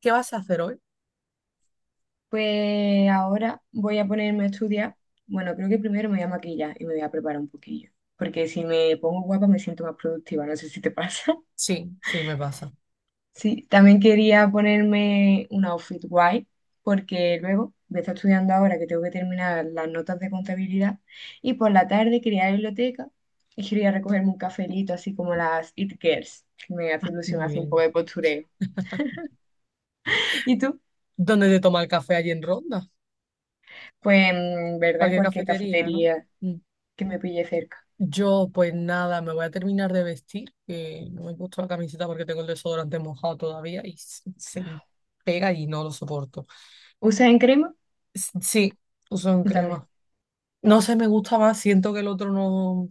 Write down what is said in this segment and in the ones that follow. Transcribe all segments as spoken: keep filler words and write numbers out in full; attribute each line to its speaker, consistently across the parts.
Speaker 1: ¿Qué vas a hacer hoy?
Speaker 2: Pues ahora voy a ponerme a estudiar. Bueno, creo que primero me voy a maquillar y me voy a preparar un poquillo, porque si me pongo guapa me siento más productiva, no sé si te pasa.
Speaker 1: Sí, sí, me pasa.
Speaker 2: Sí, también quería ponerme un outfit guay, porque luego voy a estar estudiando ahora que tengo que terminar las notas de contabilidad y por la tarde quería ir a la biblioteca y quería recogerme un cafelito, así como las It Girls, que me hace ilusión
Speaker 1: Muy
Speaker 2: hacer un poco
Speaker 1: bien.
Speaker 2: de postureo. ¿Y tú?
Speaker 1: ¿Dónde te toma el café allí en Ronda?
Speaker 2: Pues, en verdad, en
Speaker 1: Cualquier
Speaker 2: cualquier
Speaker 1: cafetería, ¿no?
Speaker 2: cafetería
Speaker 1: Mm.
Speaker 2: que me pille cerca.
Speaker 1: Yo, pues nada, me voy a terminar de vestir, que no me he puesto la camiseta porque tengo el desodorante mojado todavía y se, se pega y no lo soporto.
Speaker 2: ¿Usas en crema?
Speaker 1: S- Sí, uso en
Speaker 2: Yo también.
Speaker 1: crema. No sé, me gusta más, siento que el otro no,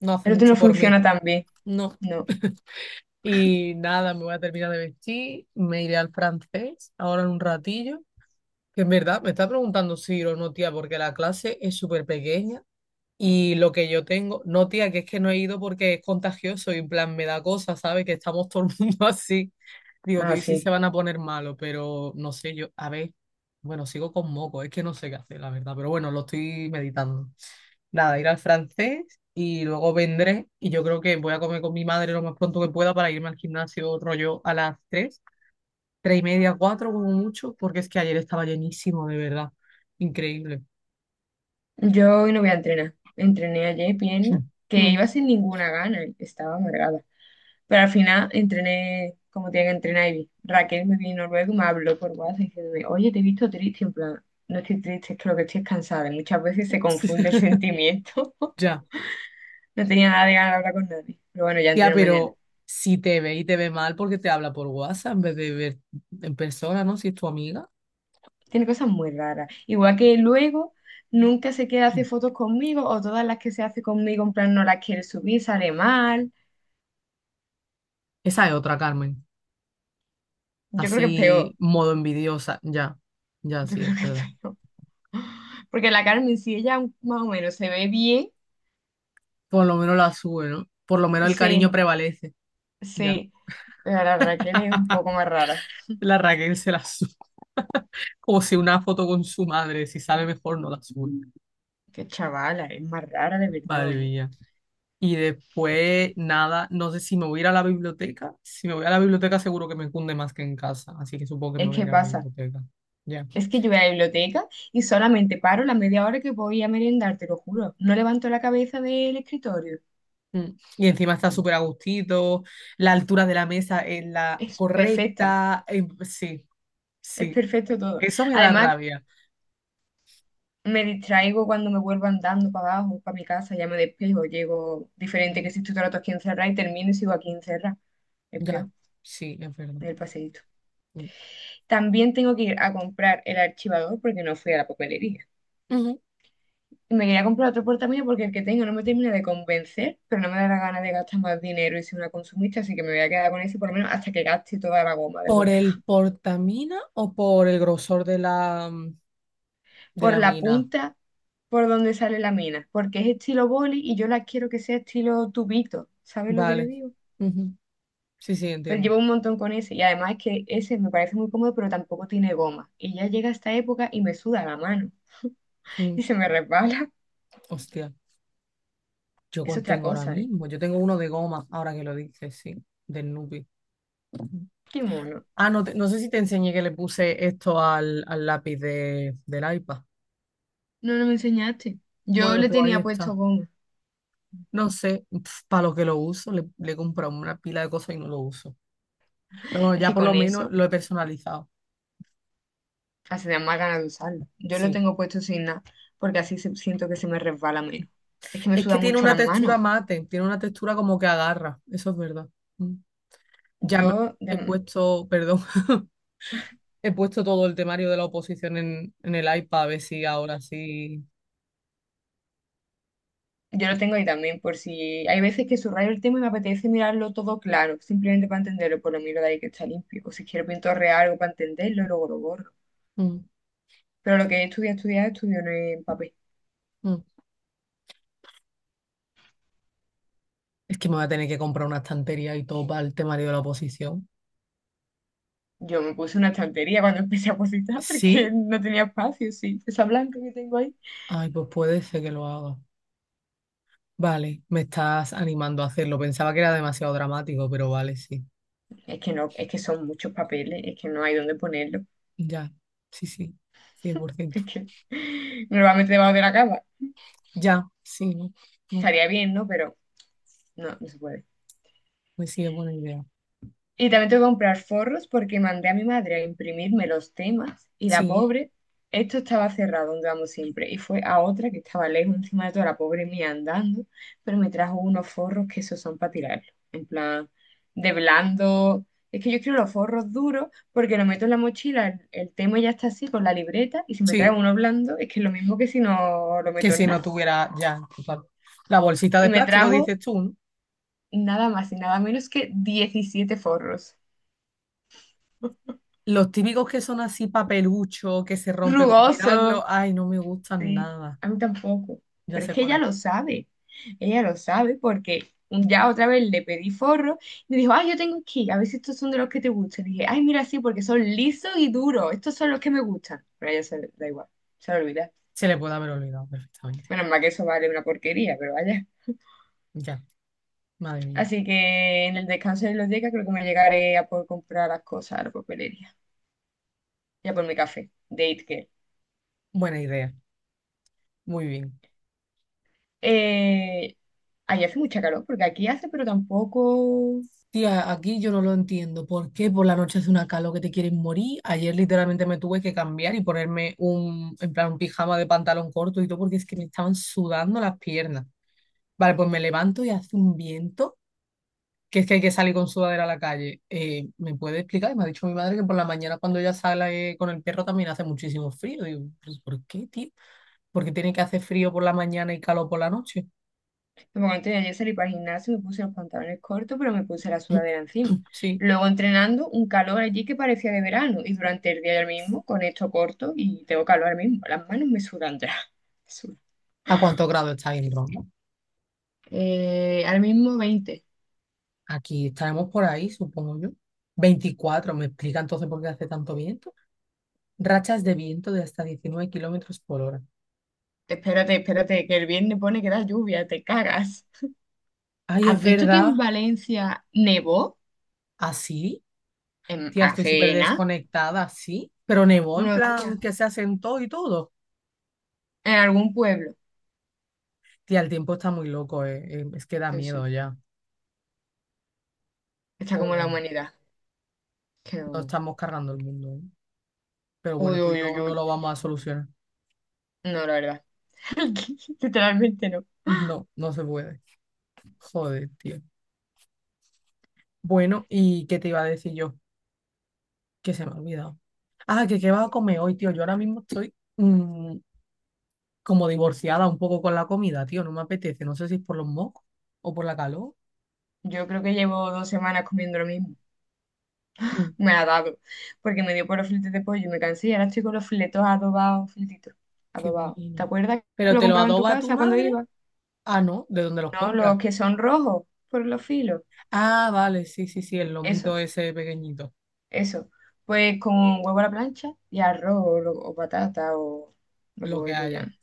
Speaker 1: no hace
Speaker 2: El otro no
Speaker 1: mucho por mí.
Speaker 2: funciona tan bien.
Speaker 1: No.
Speaker 2: No.
Speaker 1: Y nada, me voy a terminar de vestir, me iré al francés ahora en un ratillo. Que en verdad me está preguntando si ir o no, tía, porque la clase es súper pequeña y lo que yo tengo, no, tía, que es que no he ido porque es contagioso y en plan me da cosas, ¿sabes? Que estamos todo el mundo así. Digo,
Speaker 2: Ah,
Speaker 1: tío, y sí se
Speaker 2: sí.
Speaker 1: van a poner malos, pero no sé, yo, a ver, bueno, sigo con moco, es que no sé qué hacer, la verdad, pero bueno, lo estoy meditando. Nada, ir al francés y luego vendré y yo creo que voy a comer con mi madre lo más pronto que pueda para irme al gimnasio rollo a las tres Tres y media, cuatro como mucho, porque es que ayer estaba llenísimo, de verdad. Increíble.
Speaker 2: Yo hoy no voy a entrenar. Entrené ayer pierna, que
Speaker 1: Mm.
Speaker 2: iba sin ninguna gana, y estaba amargada. Pero al final entrené como tenía que entrenar y vi. Raquel me vino luego y me habló por WhatsApp diciéndome, oye, te he visto triste. En plan, no estoy triste, es que lo que estoy es cansada. Y muchas veces se confunde el sentimiento.
Speaker 1: Ya,
Speaker 2: No tenía nada de ganas de hablar con nadie. Pero bueno, ya
Speaker 1: ya,
Speaker 2: entreno mañana.
Speaker 1: pero si te ve y te ve mal porque te habla por WhatsApp en vez de ver en persona, ¿no? Si es tu amiga.
Speaker 2: Tiene cosas muy raras. Igual que luego nunca se queda hacer fotos conmigo o todas las que se hace conmigo en plan no las quiere subir, sale mal.
Speaker 1: Esa es otra, Carmen.
Speaker 2: Yo creo que es
Speaker 1: Así,
Speaker 2: peor.
Speaker 1: modo envidiosa. Ya, ya,
Speaker 2: Yo
Speaker 1: sí,
Speaker 2: creo
Speaker 1: es
Speaker 2: que es
Speaker 1: verdad.
Speaker 2: peor. Porque la Carmen, si ella más o menos se ve bien,
Speaker 1: Por lo menos la sube, ¿no? Por lo menos el cariño
Speaker 2: sí,
Speaker 1: prevalece. Ya.
Speaker 2: sí. Pero la Raquel es un poco más rara.
Speaker 1: La Raquel se la sube. Como si una foto con su madre, si sabe mejor, no la sube.
Speaker 2: Qué chavala, es más rara de verdad,
Speaker 1: Madre
Speaker 2: ¿eh?
Speaker 1: mía. Y después, nada, no sé si me voy a ir a la biblioteca. Si me voy a la biblioteca, seguro que me cunde más que en casa. Así que supongo que me
Speaker 2: Es
Speaker 1: voy a
Speaker 2: que
Speaker 1: ir a la
Speaker 2: pasa.
Speaker 1: biblioteca. Ya.
Speaker 2: Es que yo voy a la biblioteca y solamente paro la media hora que voy a merendar, te lo juro. No levanto la cabeza del escritorio.
Speaker 1: Mm. Y encima está súper a gustito. La altura de la mesa es la
Speaker 2: Es perfecta.
Speaker 1: correcta. Eh, sí,
Speaker 2: Es
Speaker 1: sí.
Speaker 2: perfecto todo.
Speaker 1: Eso me da
Speaker 2: Además,
Speaker 1: rabia.
Speaker 2: me distraigo cuando me vuelvo andando para abajo, para mi casa, ya me despejo, llego diferente
Speaker 1: Ujú.
Speaker 2: que si estoy todo el rato aquí encerrada y termino y sigo aquí encerrada. Es
Speaker 1: Ya.
Speaker 2: peor,
Speaker 1: Sí, es verdad.
Speaker 2: en el paseíto.
Speaker 1: Mm.
Speaker 2: También tengo que ir a comprar el archivador porque no fui a la papelería.
Speaker 1: Ujú.
Speaker 2: Y me quería comprar otro portamina porque el que tengo no me termina de convencer, pero no me da la gana de gastar más dinero y ser una consumista, así que me voy a quedar con ese por lo menos hasta que gaste toda la goma de
Speaker 1: ¿Por
Speaker 2: borrar.
Speaker 1: el portamina o por el grosor de la, de
Speaker 2: Por
Speaker 1: la
Speaker 2: la
Speaker 1: mina?
Speaker 2: punta, por donde sale la mena, porque es estilo boli y yo la quiero que sea estilo tubito, ¿sabes lo que te
Speaker 1: Vale.
Speaker 2: digo?
Speaker 1: Ujú. Sí, sí,
Speaker 2: Pero
Speaker 1: entiendo.
Speaker 2: llevo un montón con ese y además es que ese me parece muy cómodo, pero tampoco tiene goma. Y ya llega esta época y me suda la mano
Speaker 1: Mm.
Speaker 2: y se me resbala.
Speaker 1: Hostia. Yo
Speaker 2: Es otra
Speaker 1: contengo ahora
Speaker 2: cosa, ¿eh?
Speaker 1: mismo. Yo tengo uno de goma, ahora que lo dices, sí, del Nupi.
Speaker 2: Qué mono.
Speaker 1: Ah, no, te- no sé si te enseñé que le puse esto al, al lápiz de, del iPad.
Speaker 2: No, no me enseñaste. Yo
Speaker 1: Bueno,
Speaker 2: le
Speaker 1: pues ahí
Speaker 2: tenía puesto
Speaker 1: está.
Speaker 2: goma.
Speaker 1: No sé, para lo que lo uso, le, le he comprado una pila de cosas y no lo uso. Pero bueno,
Speaker 2: Es
Speaker 1: ya
Speaker 2: que
Speaker 1: por lo
Speaker 2: con
Speaker 1: menos
Speaker 2: eso
Speaker 1: lo he personalizado.
Speaker 2: hace da más ganas de usarlo. Yo lo
Speaker 1: Sí.
Speaker 2: tengo puesto sin nada, porque así se- siento que se me resbala menos. Es que me
Speaker 1: Es
Speaker 2: suda
Speaker 1: que tiene
Speaker 2: mucho
Speaker 1: una
Speaker 2: las
Speaker 1: textura
Speaker 2: manos.
Speaker 1: mate, tiene una textura como que agarra. Eso es verdad. Mm. Ya me
Speaker 2: Yo
Speaker 1: he
Speaker 2: de-
Speaker 1: puesto, perdón, he puesto todo el temario de la oposición en, en el iPad a ver si ahora sí.
Speaker 2: Yo lo tengo ahí también, por si hay veces que subrayo el tema y me apetece mirarlo todo claro, simplemente para entenderlo, por lo miro de ahí que está limpio. O si quiero pintorrear algo para entenderlo, luego lo borro.
Speaker 1: Mm,
Speaker 2: Pero lo que he estudiado, estudiado, estudio no en papel.
Speaker 1: mm. Es que me voy a tener que comprar una estantería y todo para el temario de la oposición.
Speaker 2: Yo me puse una estantería cuando empecé a cositar porque
Speaker 1: Sí,
Speaker 2: no tenía espacio, sí. Esa blanca que tengo ahí.
Speaker 1: ay, pues puede ser que lo haga. Vale, me estás animando a hacerlo. Pensaba que era demasiado dramático, pero vale, sí.
Speaker 2: Es que no, es que son muchos papeles, es que no hay dónde ponerlo.
Speaker 1: Ya, sí, sí, cien por ciento.
Speaker 2: Es que me lo voy a meter debajo de la cama.
Speaker 1: Ya, sí, ¿no? Mm,
Speaker 2: Estaría bien, ¿no? Pero no, no se puede.
Speaker 1: me sigue buena idea.
Speaker 2: Y también tengo que comprar forros porque mandé a mi madre a imprimirme los temas y la
Speaker 1: Sí,
Speaker 2: pobre, esto estaba cerrado donde vamos siempre y fue a otra que estaba lejos encima de toda la pobre mía andando, pero me trajo unos forros que esos son para tirarlos, en plan de blando. Es que yo quiero los forros duros porque lo meto en la mochila, el, el tema ya está así con la libreta y si me trae
Speaker 1: sí,
Speaker 2: uno blando es que es lo mismo que si no lo
Speaker 1: que
Speaker 2: meto en
Speaker 1: si no
Speaker 2: nada.
Speaker 1: tuviera ya. Total. La bolsita
Speaker 2: Y
Speaker 1: de
Speaker 2: me
Speaker 1: plástico,
Speaker 2: trajo
Speaker 1: dices tú, ¿no?
Speaker 2: nada más y nada menos que diecisiete forros.
Speaker 1: Los típicos que son así papelucho, que se rompe con
Speaker 2: Rugoso.
Speaker 1: mirarlo, ay, no me gustan
Speaker 2: Sí,
Speaker 1: nada.
Speaker 2: a mí tampoco.
Speaker 1: Ya
Speaker 2: Pero es
Speaker 1: sé
Speaker 2: que
Speaker 1: cuál
Speaker 2: ella lo
Speaker 1: es.
Speaker 2: sabe. Ella lo sabe porque ya otra vez le pedí forro y me dijo, ay, yo tengo aquí, a ver si estos son de los que te gustan. Y dije, ay, mira, sí, porque son lisos y duros. Estos son los que me gustan. Pero a ella se le da igual, se le olvida.
Speaker 1: Se le puede haber olvidado perfectamente.
Speaker 2: Menos mal que eso vale una porquería, pero vaya.
Speaker 1: Ya, madre mía.
Speaker 2: Así que en el descanso de los días creo que me llegaré a por comprar las cosas a la papelería. Ya por mi café, de It Girl.
Speaker 1: Buena idea. Muy bien.
Speaker 2: Eh, ahí hace mucha calor, porque aquí hace, pero tampoco.
Speaker 1: Tía, aquí yo no lo entiendo. ¿Por qué por la noche hace una calor que te quieres morir? Ayer literalmente me tuve que cambiar y ponerme un, en plan, un pijama de pantalón corto y todo porque es que me estaban sudando las piernas. Vale, pues me levanto y hace un viento que es que hay que salir con sudadera a la calle. Eh, ¿me puede explicar? Y Me ha dicho mi madre que por la mañana cuando ella sale con el perro también hace muchísimo frío. Digo: "Pues, ¿por qué, tío? ¿Por qué tiene que hacer frío por la mañana y calor por la noche?"
Speaker 2: Porque cuando tenía yo salí para el gimnasio, me puse los pantalones cortos, pero me puse la sudadera encima.
Speaker 1: Sí.
Speaker 2: Luego entrenando, un calor allí que parecía de verano. Y durante el día del mismo, con esto corto, y tengo calor ahora mismo. Las manos me sudan ya. Me sudan.
Speaker 1: ¿A cuántos grados está en Roma?
Speaker 2: Eh, ahora mismo veinte.
Speaker 1: Aquí estaremos por ahí, supongo yo. Veinticuatro. ¿Me explica entonces por qué hace tanto viento? Rachas de viento de hasta diecinueve kilómetros por hora.
Speaker 2: Espérate, espérate, que el viernes pone que da lluvia, te cagas.
Speaker 1: Ay,
Speaker 2: ¿Has
Speaker 1: es
Speaker 2: visto que
Speaker 1: verdad,
Speaker 2: en Valencia nevó?
Speaker 1: así,
Speaker 2: En,
Speaker 1: tía, estoy súper
Speaker 2: hace nada,
Speaker 1: desconectada, sí, pero nevó en
Speaker 2: unos
Speaker 1: plan
Speaker 2: días.
Speaker 1: que se asentó y todo.
Speaker 2: En algún pueblo.
Speaker 1: Tía, el tiempo está muy loco, eh, eh, es que da
Speaker 2: Sí,
Speaker 1: miedo
Speaker 2: sí.
Speaker 1: ya.
Speaker 2: Está como la
Speaker 1: Joder,
Speaker 2: humanidad. Que
Speaker 1: nos
Speaker 2: no-
Speaker 1: estamos cargando el mundo. eh. Pero bueno,
Speaker 2: Uy,
Speaker 1: tú y
Speaker 2: uy,
Speaker 1: yo
Speaker 2: uy,
Speaker 1: no
Speaker 2: uy.
Speaker 1: lo vamos a solucionar.
Speaker 2: No, la verdad. Literalmente no.
Speaker 1: No, no se puede. Joder, tío. Bueno, ¿y qué te iba a decir yo? Que se me ha olvidado. Ah, que qué vas a comer hoy, tío. Yo ahora mismo estoy mm, como divorciada un poco con la comida, tío. No me apetece. No sé si es por los mocos o por la calor.
Speaker 2: Yo creo que llevo dos semanas comiendo lo mismo.
Speaker 1: Mm,
Speaker 2: Me ha dado. Porque me dio por los filetes de pollo y me cansé y ahora estoy con los filetos adobados, filetitos.
Speaker 1: qué
Speaker 2: Adobados. ¿Te
Speaker 1: bueno.
Speaker 2: acuerdas que
Speaker 1: Pero
Speaker 2: lo
Speaker 1: te lo
Speaker 2: compraba en tu
Speaker 1: adoba tu
Speaker 2: casa cuando
Speaker 1: madre.
Speaker 2: iba?
Speaker 1: Ah, no, ¿de dónde los
Speaker 2: No, los
Speaker 1: compras?
Speaker 2: que son rojos por los filos.
Speaker 1: Ah, vale, sí, sí, sí, el lomito
Speaker 2: Eso,
Speaker 1: ese pequeñito.
Speaker 2: eso. Pues con huevo a la plancha y arroz o, lo- o patata o lo que
Speaker 1: Lo que
Speaker 2: voy
Speaker 1: haya.
Speaker 2: pillando.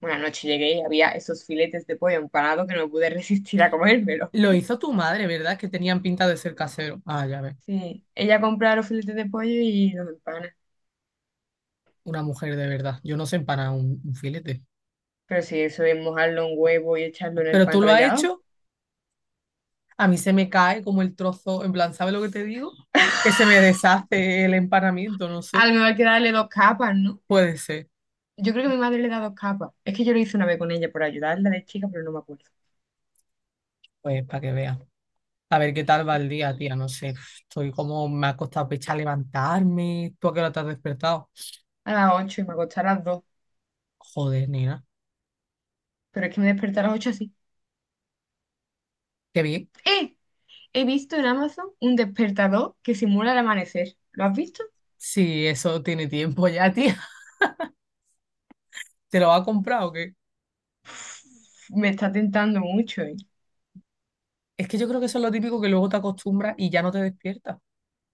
Speaker 2: Una noche llegué y había esos filetes de pollo empanados que no pude resistir a comérmelo.
Speaker 1: Lo hizo tu madre, ¿verdad? Que tenían pinta de ser casero. Ah, ya ves.
Speaker 2: Sí, ella compra los filetes de pollo y los empana.
Speaker 1: Una mujer de verdad. Yo no sé empanar un, un filete.
Speaker 2: Pero si eso es mojarlo en huevo y echarlo en el
Speaker 1: Pero tú
Speaker 2: pan
Speaker 1: lo has
Speaker 2: rallado,
Speaker 1: hecho. A mí se me cae como el trozo. En plan, ¿sabes lo que te digo? Que se me deshace el empanamiento, no
Speaker 2: a
Speaker 1: sé.
Speaker 2: lo mejor hay que darle dos capas, ¿no?
Speaker 1: Puede ser.
Speaker 2: Yo creo que mi madre le da dos capas. Es que yo lo hice una vez con ella por ayudarla de chica, pero no me acuerdo.
Speaker 1: Pues para que veas. A ver qué tal va el día, tía. No sé. Estoy como me ha costado pecha levantarme. ¿Tú a qué hora te has despertado?
Speaker 2: A las ocho y me acosté a las dos.
Speaker 1: Joder, nena.
Speaker 2: Pero es que me desperté a las ocho así.
Speaker 1: Qué bien.
Speaker 2: ¡Eh! He visto en Amazon un despertador que simula el amanecer. ¿Lo has visto?
Speaker 1: Sí, eso tiene tiempo ya, tía. ¿Te lo ha comprado o qué?
Speaker 2: Uf, me está tentando mucho, ¿eh?
Speaker 1: Es que yo creo que eso es lo típico que luego te acostumbras y ya no te despiertas.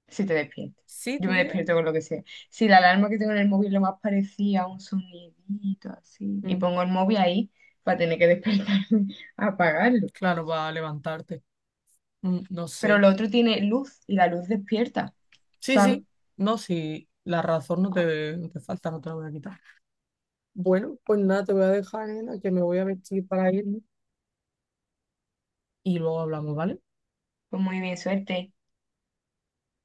Speaker 2: Si te despiertas.
Speaker 1: ¿Sí,
Speaker 2: Yo
Speaker 1: tú
Speaker 2: me
Speaker 1: crees?
Speaker 2: despierto con lo que sea. Si la alarma que tengo en el móvil lo más parecía a un sonidito así, y
Speaker 1: Mm,
Speaker 2: pongo el móvil ahí para tener que despertarme a apagarlo.
Speaker 1: claro, para levantarte. Mm, no
Speaker 2: Pero
Speaker 1: sé.
Speaker 2: lo otro tiene luz y la luz despierta,
Speaker 1: Sí,
Speaker 2: ¿sabes?
Speaker 1: sí. No, sí. La razón no te, no te falta, no te la voy a quitar. Bueno, pues nada, te voy a dejar, Elena, que me voy a vestir para irme y luego hablamos, ¿vale?
Speaker 2: Pues muy bien, suerte.